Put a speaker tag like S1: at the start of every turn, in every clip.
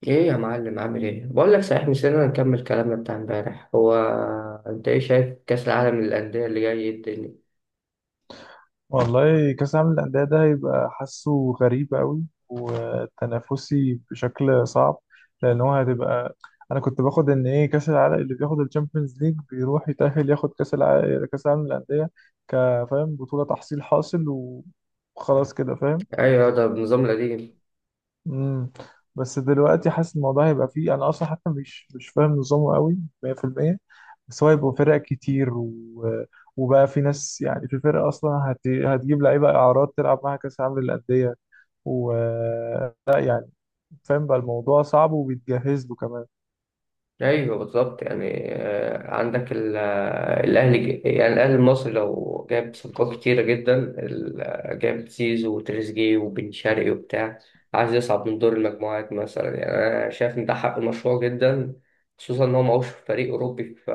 S1: ايه يا معلم، عامل ايه؟ بقول لك صحيح نسينا نكمل كلامنا بتاع امبارح. هو انت ايه شايف كاس العالم للانديه اللي جاي؟ إيه الدنيا؟
S2: والله كأس العالم للأندية ده هيبقى حاسه غريب قوي، وتنافسي بشكل صعب. لأن هو هتبقى، أنا كنت باخد إن إيه، كأس العالم اللي بياخد الشامبيونز ليج بيروح يتأهل ياخد كأس العالم، كأس العالم للأندية. كفاهم بطولة تحصيل حاصل، وخلاص كده فاهم.
S1: ايوه، ده بنظام القديم.
S2: امم بس دلوقتي حاسس الموضوع هيبقى فيه. انا اصلا حتى مش فاهم نظامه قوي 100%. بس هو هيبقى فرق كتير وبقى في ناس، يعني في فرق اصلا هتجيب لعيبه اعارات تلعب معاها كاس العالم للانديه، و، لا يعني. فاهم بقى الموضوع صعب وبيتجهز له كمان.
S1: ايوه بالظبط. يعني عندك الاهلي يعني الاهلي المصري لو جاب صفقات كتيره جدا جاب زيزو وتريزيجيه وبن شرقي وبتاع، عايز يصعد من دور المجموعات مثلا. يعني انا شايف ان ده حق مشروع جدا، خصوصا ان هو معهوش فريق اوروبي، ف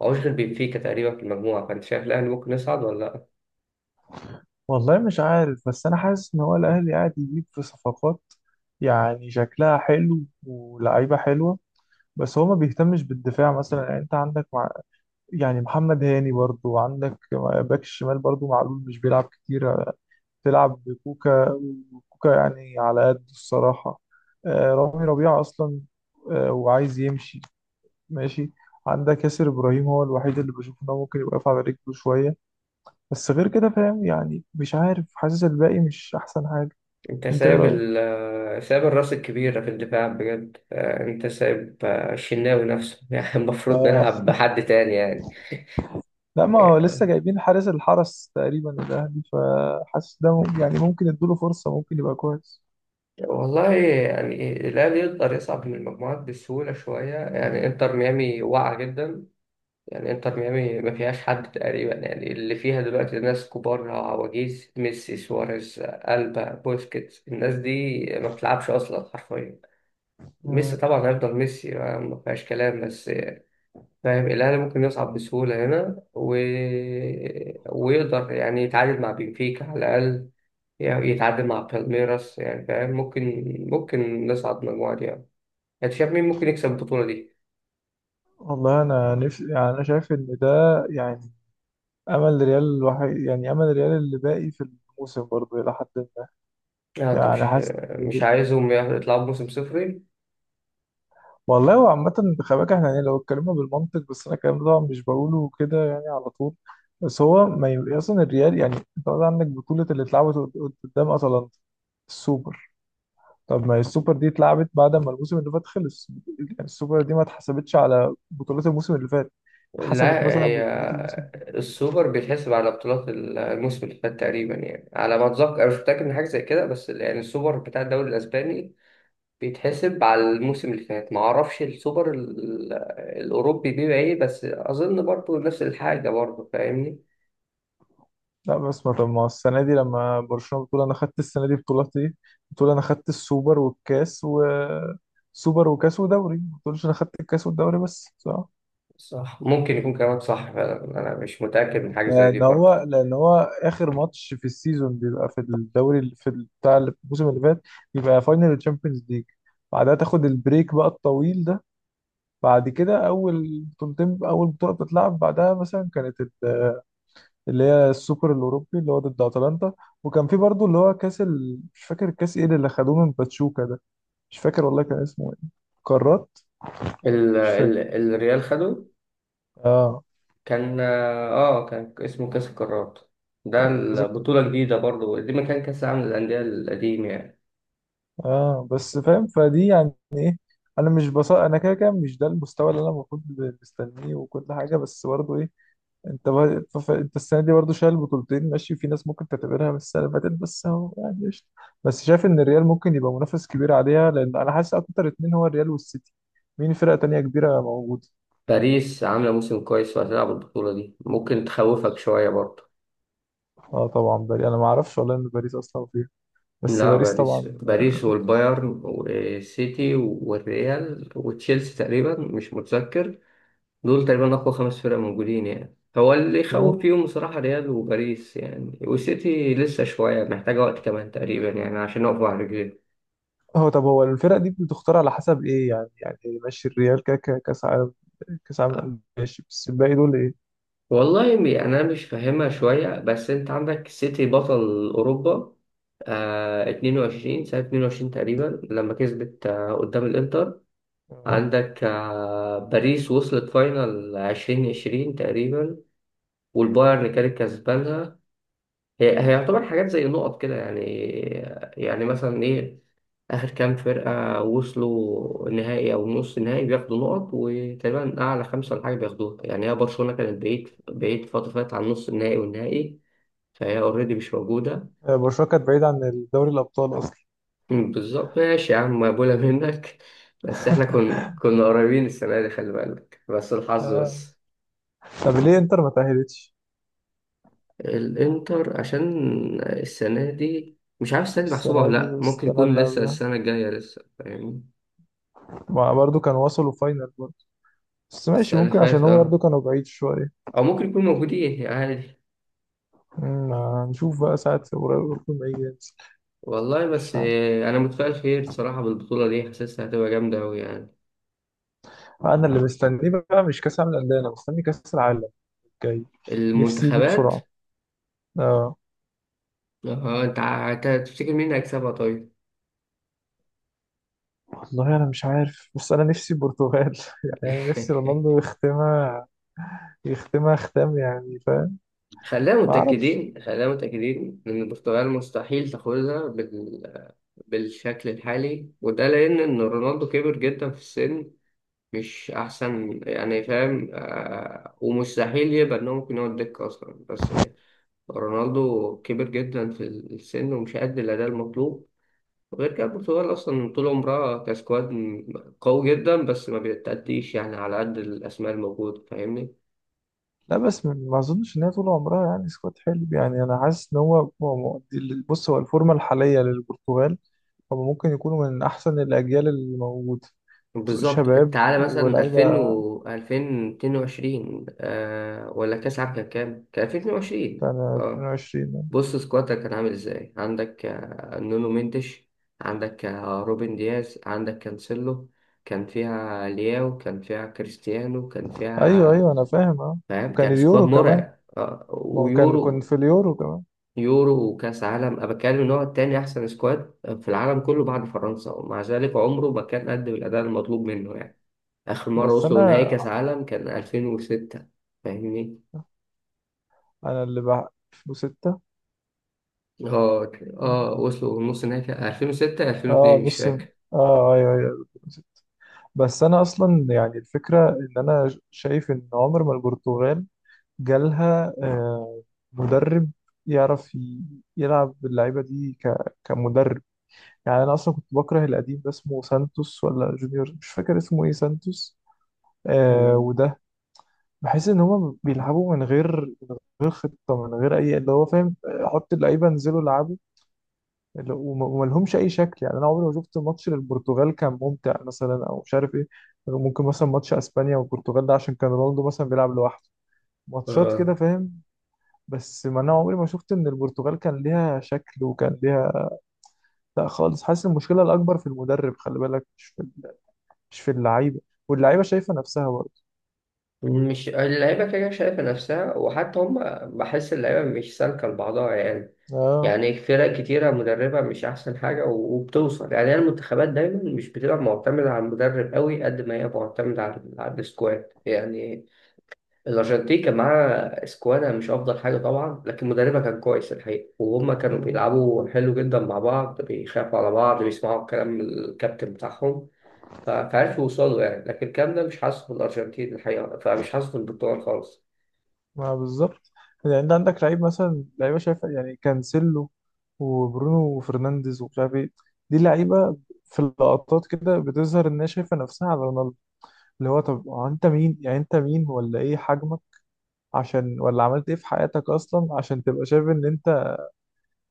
S1: معهوش غير بنفيكا تقريبا في المجموعه. فانت شايف الاهلي ممكن يصعد ولا لا؟
S2: والله مش عارف، بس انا حاسس ان هو الاهلي قاعد يجيب في صفقات يعني شكلها حلو، ولعيبه حلوه. بس هو ما بيهتمش بالدفاع مثلا. يعني انت عندك، يعني محمد هاني برضو. عندك باك الشمال برضو، معلول مش بيلعب كتير. تلعب بكوكا، وكوكا يعني على قد الصراحة. رامي ربيعة أصلا وعايز يمشي، ماشي. عندك ياسر إبراهيم، هو الوحيد اللي بشوف إن هو ممكن يبقى واقف على رجله شوية. بس غير كده فاهم، يعني مش عارف، حاسس الباقي مش أحسن حاجة.
S1: انت
S2: أنت إيه
S1: سايب
S2: رأيك؟
S1: ال آه، سايب الراس الكبيره في الدفاع بجد. انت سايب الشناوي نفسه يعني المفروض
S2: اه.
S1: نلعب بحد تاني يعني.
S2: لا، ما هو لسه جايبين حارس الحرس تقريبا الأهلي، فحاسس ده يعني ممكن يدوله فرصة، ممكن يبقى كويس.
S1: والله، يعني الأهلي يقدر يصعد من المجموعات بسهولة شوية. يعني انتر ميامي واقعة جدا. يعني انتر ميامي ما فيهاش حد تقريبا. يعني اللي فيها دلوقتي ناس كبار، عواجيز، ميسي، سواريز، ألبا، بوسكيتس. الناس دي ما بتلعبش أصلا حرفيا. ميسي طبعا هيفضل ميسي، ما فيهاش كلام. بس فاهم الأهلي ممكن يصعد بسهولة هنا ويقدر يعني يتعادل مع بنفيكا على الأقل. يعني يتعادل مع بالميراس. يعني فاهم، ممكن نصعد مجموعة دي يعني. انت شايف مين ممكن يكسب البطولة دي؟
S2: والله انا نفسي، يعني انا شايف ان ده، يعني امل ريال الوحيد، يعني امل ريال اللي باقي في الموسم برضه الى حد ما.
S1: لا انت
S2: يعني
S1: مش
S2: حاسس إن
S1: مش عايزهم يطلعوا بموسم صفري.
S2: والله هو عامة خلي بالك احنا، يعني لو اتكلمنا بالمنطق بس، انا الكلام ده طبعا مش بقوله كده يعني على طول. بس هو ما ي... اصلا الريال، يعني انت قصدي عندك بطولة اللي اتلعبت قدام اتلانتا، السوبر. طب ما السوبر دي اتلعبت بعد ما الموسم اللي فات خلص، يعني السوبر دي ما اتحسبتش على بطولات الموسم اللي فات، اتحسبت
S1: لا
S2: مثلا
S1: هي
S2: ببطولات الموسم.
S1: السوبر بيتحسب على بطولات الموسم اللي فات تقريبا. يعني على ما اتذكر، انا مش متاكد من حاجه زي كده، بس يعني السوبر بتاع الدوري الاسباني بيتحسب على الموسم اللي فات. ما اعرفش السوبر الاوروبي بيبقى ايه، بس اظن برضو نفس الحاجه برضو، فاهمني.
S2: لا بس ما، طب ما هو السنة دي لما برشلونة بتقول أنا خدت السنة دي بطولتي، بتقول أنا خدت السوبر والكاس و، سوبر وكاس ودوري، ما بتقولش أنا خدت الكاس والدوري بس، صح؟
S1: صح، ممكن يكون كلامك صح فعلا. انا مش متاكد من حاجه زي دي
S2: لأن
S1: برضه.
S2: هو لأن هو آخر ماتش في السيزون بيبقى في الدوري بتاع الموسم اللي فات، بيبقى فاينل الشامبيونز ليج. بعدها تاخد البريك بقى الطويل ده. بعد كده أول بطولتين، أول بطولة بتتلعب بعدها مثلا كانت اللي هي السوبر الاوروبي اللي هو ضد اتلانتا. وكان في برضو اللي هو مش فاكر كاس ايه اللي خدوه من باتشوكا ده. مش فاكر والله كان اسمه ايه، قارات.
S1: ال
S2: مش فاكر.
S1: ال الريال خده.
S2: اه،
S1: كان كان اسمه كاس القارات. ده
S2: كاس القارات.
S1: البطوله جديده برضه. دي مكان كاس العالم للانديه القديم يعني.
S2: اه بس فاهم، فدي يعني ايه. انا مش بص، انا كده كده مش ده المستوى اللي انا المفروض مستنيه وكل حاجه، بس برضو ايه. انت بقى انت السنه دي برضه شايل بطولتين ماشي، في ناس ممكن تعتبرها من السنه اللي فاتت، بس هو يعني قشطة. بس شايف ان الريال ممكن يبقى منافس كبير عليها، لان انا حاسس اكتر اتنين هو الريال والسيتي. مين فرقه تانية كبيره موجوده؟
S1: باريس عامله موسم كويس وهتلعب البطوله دي، ممكن تخوفك شويه برضه.
S2: اه طبعا باريس، انا ما اعرفش والله ان باريس اصلا فيها. بس
S1: لا،
S2: باريس
S1: باريس،
S2: طبعا.
S1: باريس والبايرن والسيتي والريال وتشيلسي تقريبا، مش متذكر. دول تقريبا أقوى خمس فرق موجودين. يعني هو اللي
S2: طب
S1: يخوف
S2: هو،
S1: فيهم بصراحة ريال وباريس، يعني والسيتي لسه شوية محتاجة وقت كمان تقريبا يعني عشان يقفوا على رجليهم.
S2: طب هو الفرق دي بتختار على حسب ايه يعني، يعني إيه؟ ماشي الريال كاس عالم، كاس عالم للأندية ماشي، بس الباقي دول ايه.
S1: والله، أنا مش فاهمها شوية. بس أنت عندك السيتي بطل أوروبا، 22 سنة 22 تقريبا لما كسبت قدام الإنتر.
S2: اه.
S1: عندك باريس وصلت فاينل 2020 تقريبا، والبايرن كانت كسبانها. هي يعتبر حاجات زي نقط كده يعني. يعني مثلا ايه، اخر كام فرقه وصلوا النهائي او نص النهائي بياخدوا نقط، وتقريبا اعلى خمسه ولا حاجه بياخدوها يعني. هي برشلونه كانت بعيد، بعيد، فتره فاتت عن نص النهائي والنهائي. فهي اوريدي مش موجوده.
S2: برشلونه كانت بعيده عن دوري الابطال اصلا.
S1: بالظبط. ماشي يا عم، مقبوله منك بس احنا كنا قريبين السنه دي، خلي بالك، بس الحظ
S2: آه.
S1: بس.
S2: طب ليه انتر ما تاهلتش.
S1: الانتر عشان السنه دي مش عارف السنه دي محسوبه
S2: السنة
S1: ولا
S2: دي
S1: لا. ممكن
S2: والسنة
S1: يكون
S2: اللي
S1: لسه
S2: قبلها،
S1: السنه الجايه، لسه، فاهمني.
S2: ما برضو كانوا وصلوا فاينل برضو. بس ماشي،
S1: السنة اللي
S2: ممكن
S1: فاتت،
S2: عشان هو برضو
S1: اه.
S2: كانوا بعيد شوية.
S1: أو ممكن يكون موجودين عادي.
S2: أمم، هنشوف بقى ساعة قريب لما يجي ينزل.
S1: والله بس
S2: مش عارف.
S1: أنا متفائل خير صراحة بالبطولة دي، حاسسها هتبقى جامدة أوي يعني.
S2: أنا اللي مستنيه بقى مش كأس العالم للأندية، أنا مستني كأس العالم الجاي. نفسي يجي
S1: المنتخبات.
S2: بسرعة. آه.
S1: اه أنت تفتكر مين هيكسبها طيب؟
S2: والله أنا مش عارف، بس أنا نفسي البرتغال. يعني أنا نفسي رونالدو يختمها، يختمها ختام يعني فاهم.
S1: خلينا
S2: ما أعرفش.
S1: متأكدين، خلينا متأكدين إن البرتغال مستحيل تاخدها بالشكل الحالي. وده لأن إن رونالدو كبر جدا في السن، مش أحسن يعني، فاهم. ومستحيل يبقى إن هو ممكن يقعد دكة أصلا. بس رونالدو كبر جدا في السن ومش قد الأداء المطلوب. وغير كده البرتغال أصلا طول عمرها كسكواد قوي جدا، بس ما بتأديش يعني على قد الأسماء الموجودة، فاهمني.
S2: لا بس ما أظنش إن هي طول عمرها يعني سكواد حلو. يعني أنا حاسس إن هو مؤدي. بص هو الفورمة الحالية للبرتغال، هم ممكن يكونوا من أحسن الأجيال اللي موجودة.
S1: بالظبط.
S2: شباب
S1: تعالى مثلا 2000
S2: ولاعيبة.
S1: و 2022 آه، ولا كأس العالم كان كام؟ كان 2022.
S2: كان
S1: اه.
S2: 22.
S1: بص سكوادك كان عامل ازاي؟ عندك نونو مينديش، عندك روبن دياز، عندك كانسيلو. كان فيها لياو، كان فيها كريستيانو، كان
S2: أيوه
S1: فيها،
S2: أيوه أنا فاهم، أه.
S1: فاهم،
S2: وكان
S1: كان سكواد
S2: اليورو كمان.
S1: مرعب.
S2: ما هو كان، كنت
S1: ويورو،
S2: في اليورو كمان.
S1: يورو وكاس عالم. انا بتكلم ان هو التاني احسن سكواد في العالم كله بعد فرنسا، ومع ذلك عمره ما كان قدم الاداء المطلوب منه يعني. اخر مره
S2: بس
S1: وصلوا نهائي
S2: أنا
S1: كاس عالم كان 2006، فاهمني.
S2: أنا اللي بقى 2006.
S1: اه. اه وصلوا نص نهائي 2006 2002،
S2: أه
S1: مش
S2: نص،
S1: فاكر.
S2: أه أيوه أيوه. بس أنا أصلا يعني الفكرة إن أنا شايف إن عمر ما البرتغال جالها مدرب يعرف يلعب اللعيبة دي كمدرب. يعني انا اصلا كنت بكره القديم ده اسمه سانتوس ولا جونيور، مش فاكر اسمه ايه، سانتوس. آه.
S1: مم.
S2: وده بحس ان هما بيلعبوا من غير، من غير خطه، من غير اي اللي هو فاهم، حط اللعيبه انزلوا العبوا. وما لهمش اي شكل. يعني انا عمري ما شفت ماتش للبرتغال كان ممتع مثلا او مش عارف ايه. ممكن مثلا ماتش اسبانيا والبرتغال ده عشان كان رونالدو مثلا بيلعب لوحده، ماتشات كده
S1: اه،
S2: فاهم. بس ما انا عمري ما شفت ان البرتغال كان ليها شكل وكان ليها. لا خالص، حاسس المشكله الاكبر في المدرب خلي بالك، مش في اللعيبه، واللعيبه شايفه نفسها برضه.
S1: مش اللعيبة كده كده شايفة نفسها وحتى هم. بحس اللعيبة مش سالكة لبعضها يعني.
S2: اه.
S1: يعني فرق كتيرة مدربة مش أحسن حاجة و- وبتوصل يعني. هي المنتخبات دايما مش بتبقى معتمدة على المدرب قوي قد ما هي معتمدة على السكواد يعني. الأرجنتين كان معاها سكوادها مش أفضل حاجة طبعا، لكن مدربها كان كويس الحقيقة، وهم كانوا
S2: مم.
S1: بيلعبوا حلو جدا مع بعض، بيخافوا على بعض، بيسمعوا كلام الكابتن بتاعهم. فعرفوا يوصلوا يعني. لكن الكلام ده مش حاصل في الأرجنتين الحقيقة، فمش حاصل في البرتغال خالص.
S2: ما بالظبط. يعني انت عندك لعيب، مثلا لعيبه شايفه يعني كانسيلو وبرونو وفرنانديز ومش عارف ايه، دي لعيبه في اللقطات كده بتظهر انها شايفه نفسها على رونالدو. اللي هو طب هو انت مين، يعني انت مين ولا ايه حجمك عشان، ولا عملت ايه في حياتك اصلا عشان تبقى شايف ان انت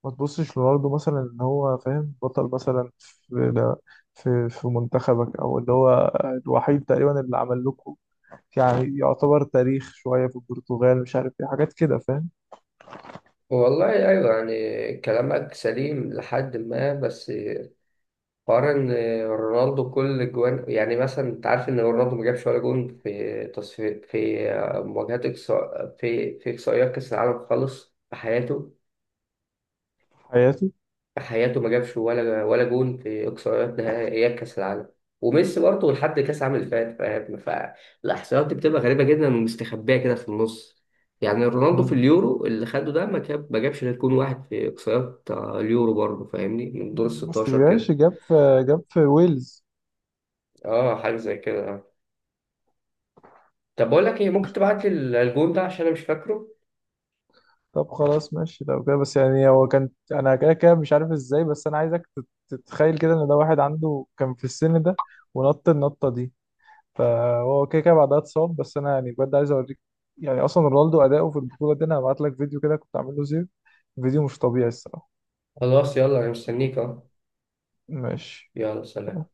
S2: ما تبصش لرونالدو مثلا، ان هو فاهم بطل مثلا في في منتخبك او اللي هو الوحيد تقريبا اللي عمل لكم، يعني يعتبر تاريخ شوية في البرتغال، مش عارف ايه حاجات كده فاهم.
S1: والله أيوة، يعني كلامك سليم لحد ما، بس حوار إن رونالدو كل جوان. يعني مثلا أنت عارف إن رونالدو ما جابش ولا جون في تصفي في مواجهات إقصاء في إقصائيات كأس العالم خالص في حياته.
S2: في حياته.
S1: في حياته ما جابش ولا جون في اقصائيات نهائيات كاس العالم. وميسي برضه لحد كاس العالم اللي فات، فاهم؟ فالاحصائيات دي بتبقى غريبه جدا ومستخبيه كده في النص. يعني رونالدو في
S2: مم.
S1: اليورو اللي خده ده ما جابش غير جون واحد في اقصائيات اليورو برضه فاهمني، من دور ال
S2: بس
S1: 16
S2: جاش،
S1: كده.
S2: جاب في، جاب في ويلز.
S1: اه، حاجه زي كده. آه. طب بقول لك ايه، ممكن
S2: مش-
S1: تبعت لي الجون ده عشان انا مش فاكره.
S2: طب خلاص ماشي لو كده، بس يعني هو كان انا كده كده مش عارف ازاي، بس انا عايزك تتخيل كده ان ده واحد عنده كان في السن ده ونط النطة دي. فهو كده كده بعدها اتصاب. بس انا يعني بجد عايز اوريك، يعني اصلا رونالدو اداؤه في البطولة دي، انا هبعت لك فيديو كده كنت عامله زيرو، فيديو مش طبيعي الصراحة.
S1: خلاص، يلا، انا مستنيك. اه.
S2: ماشي.
S1: يلا، سلام.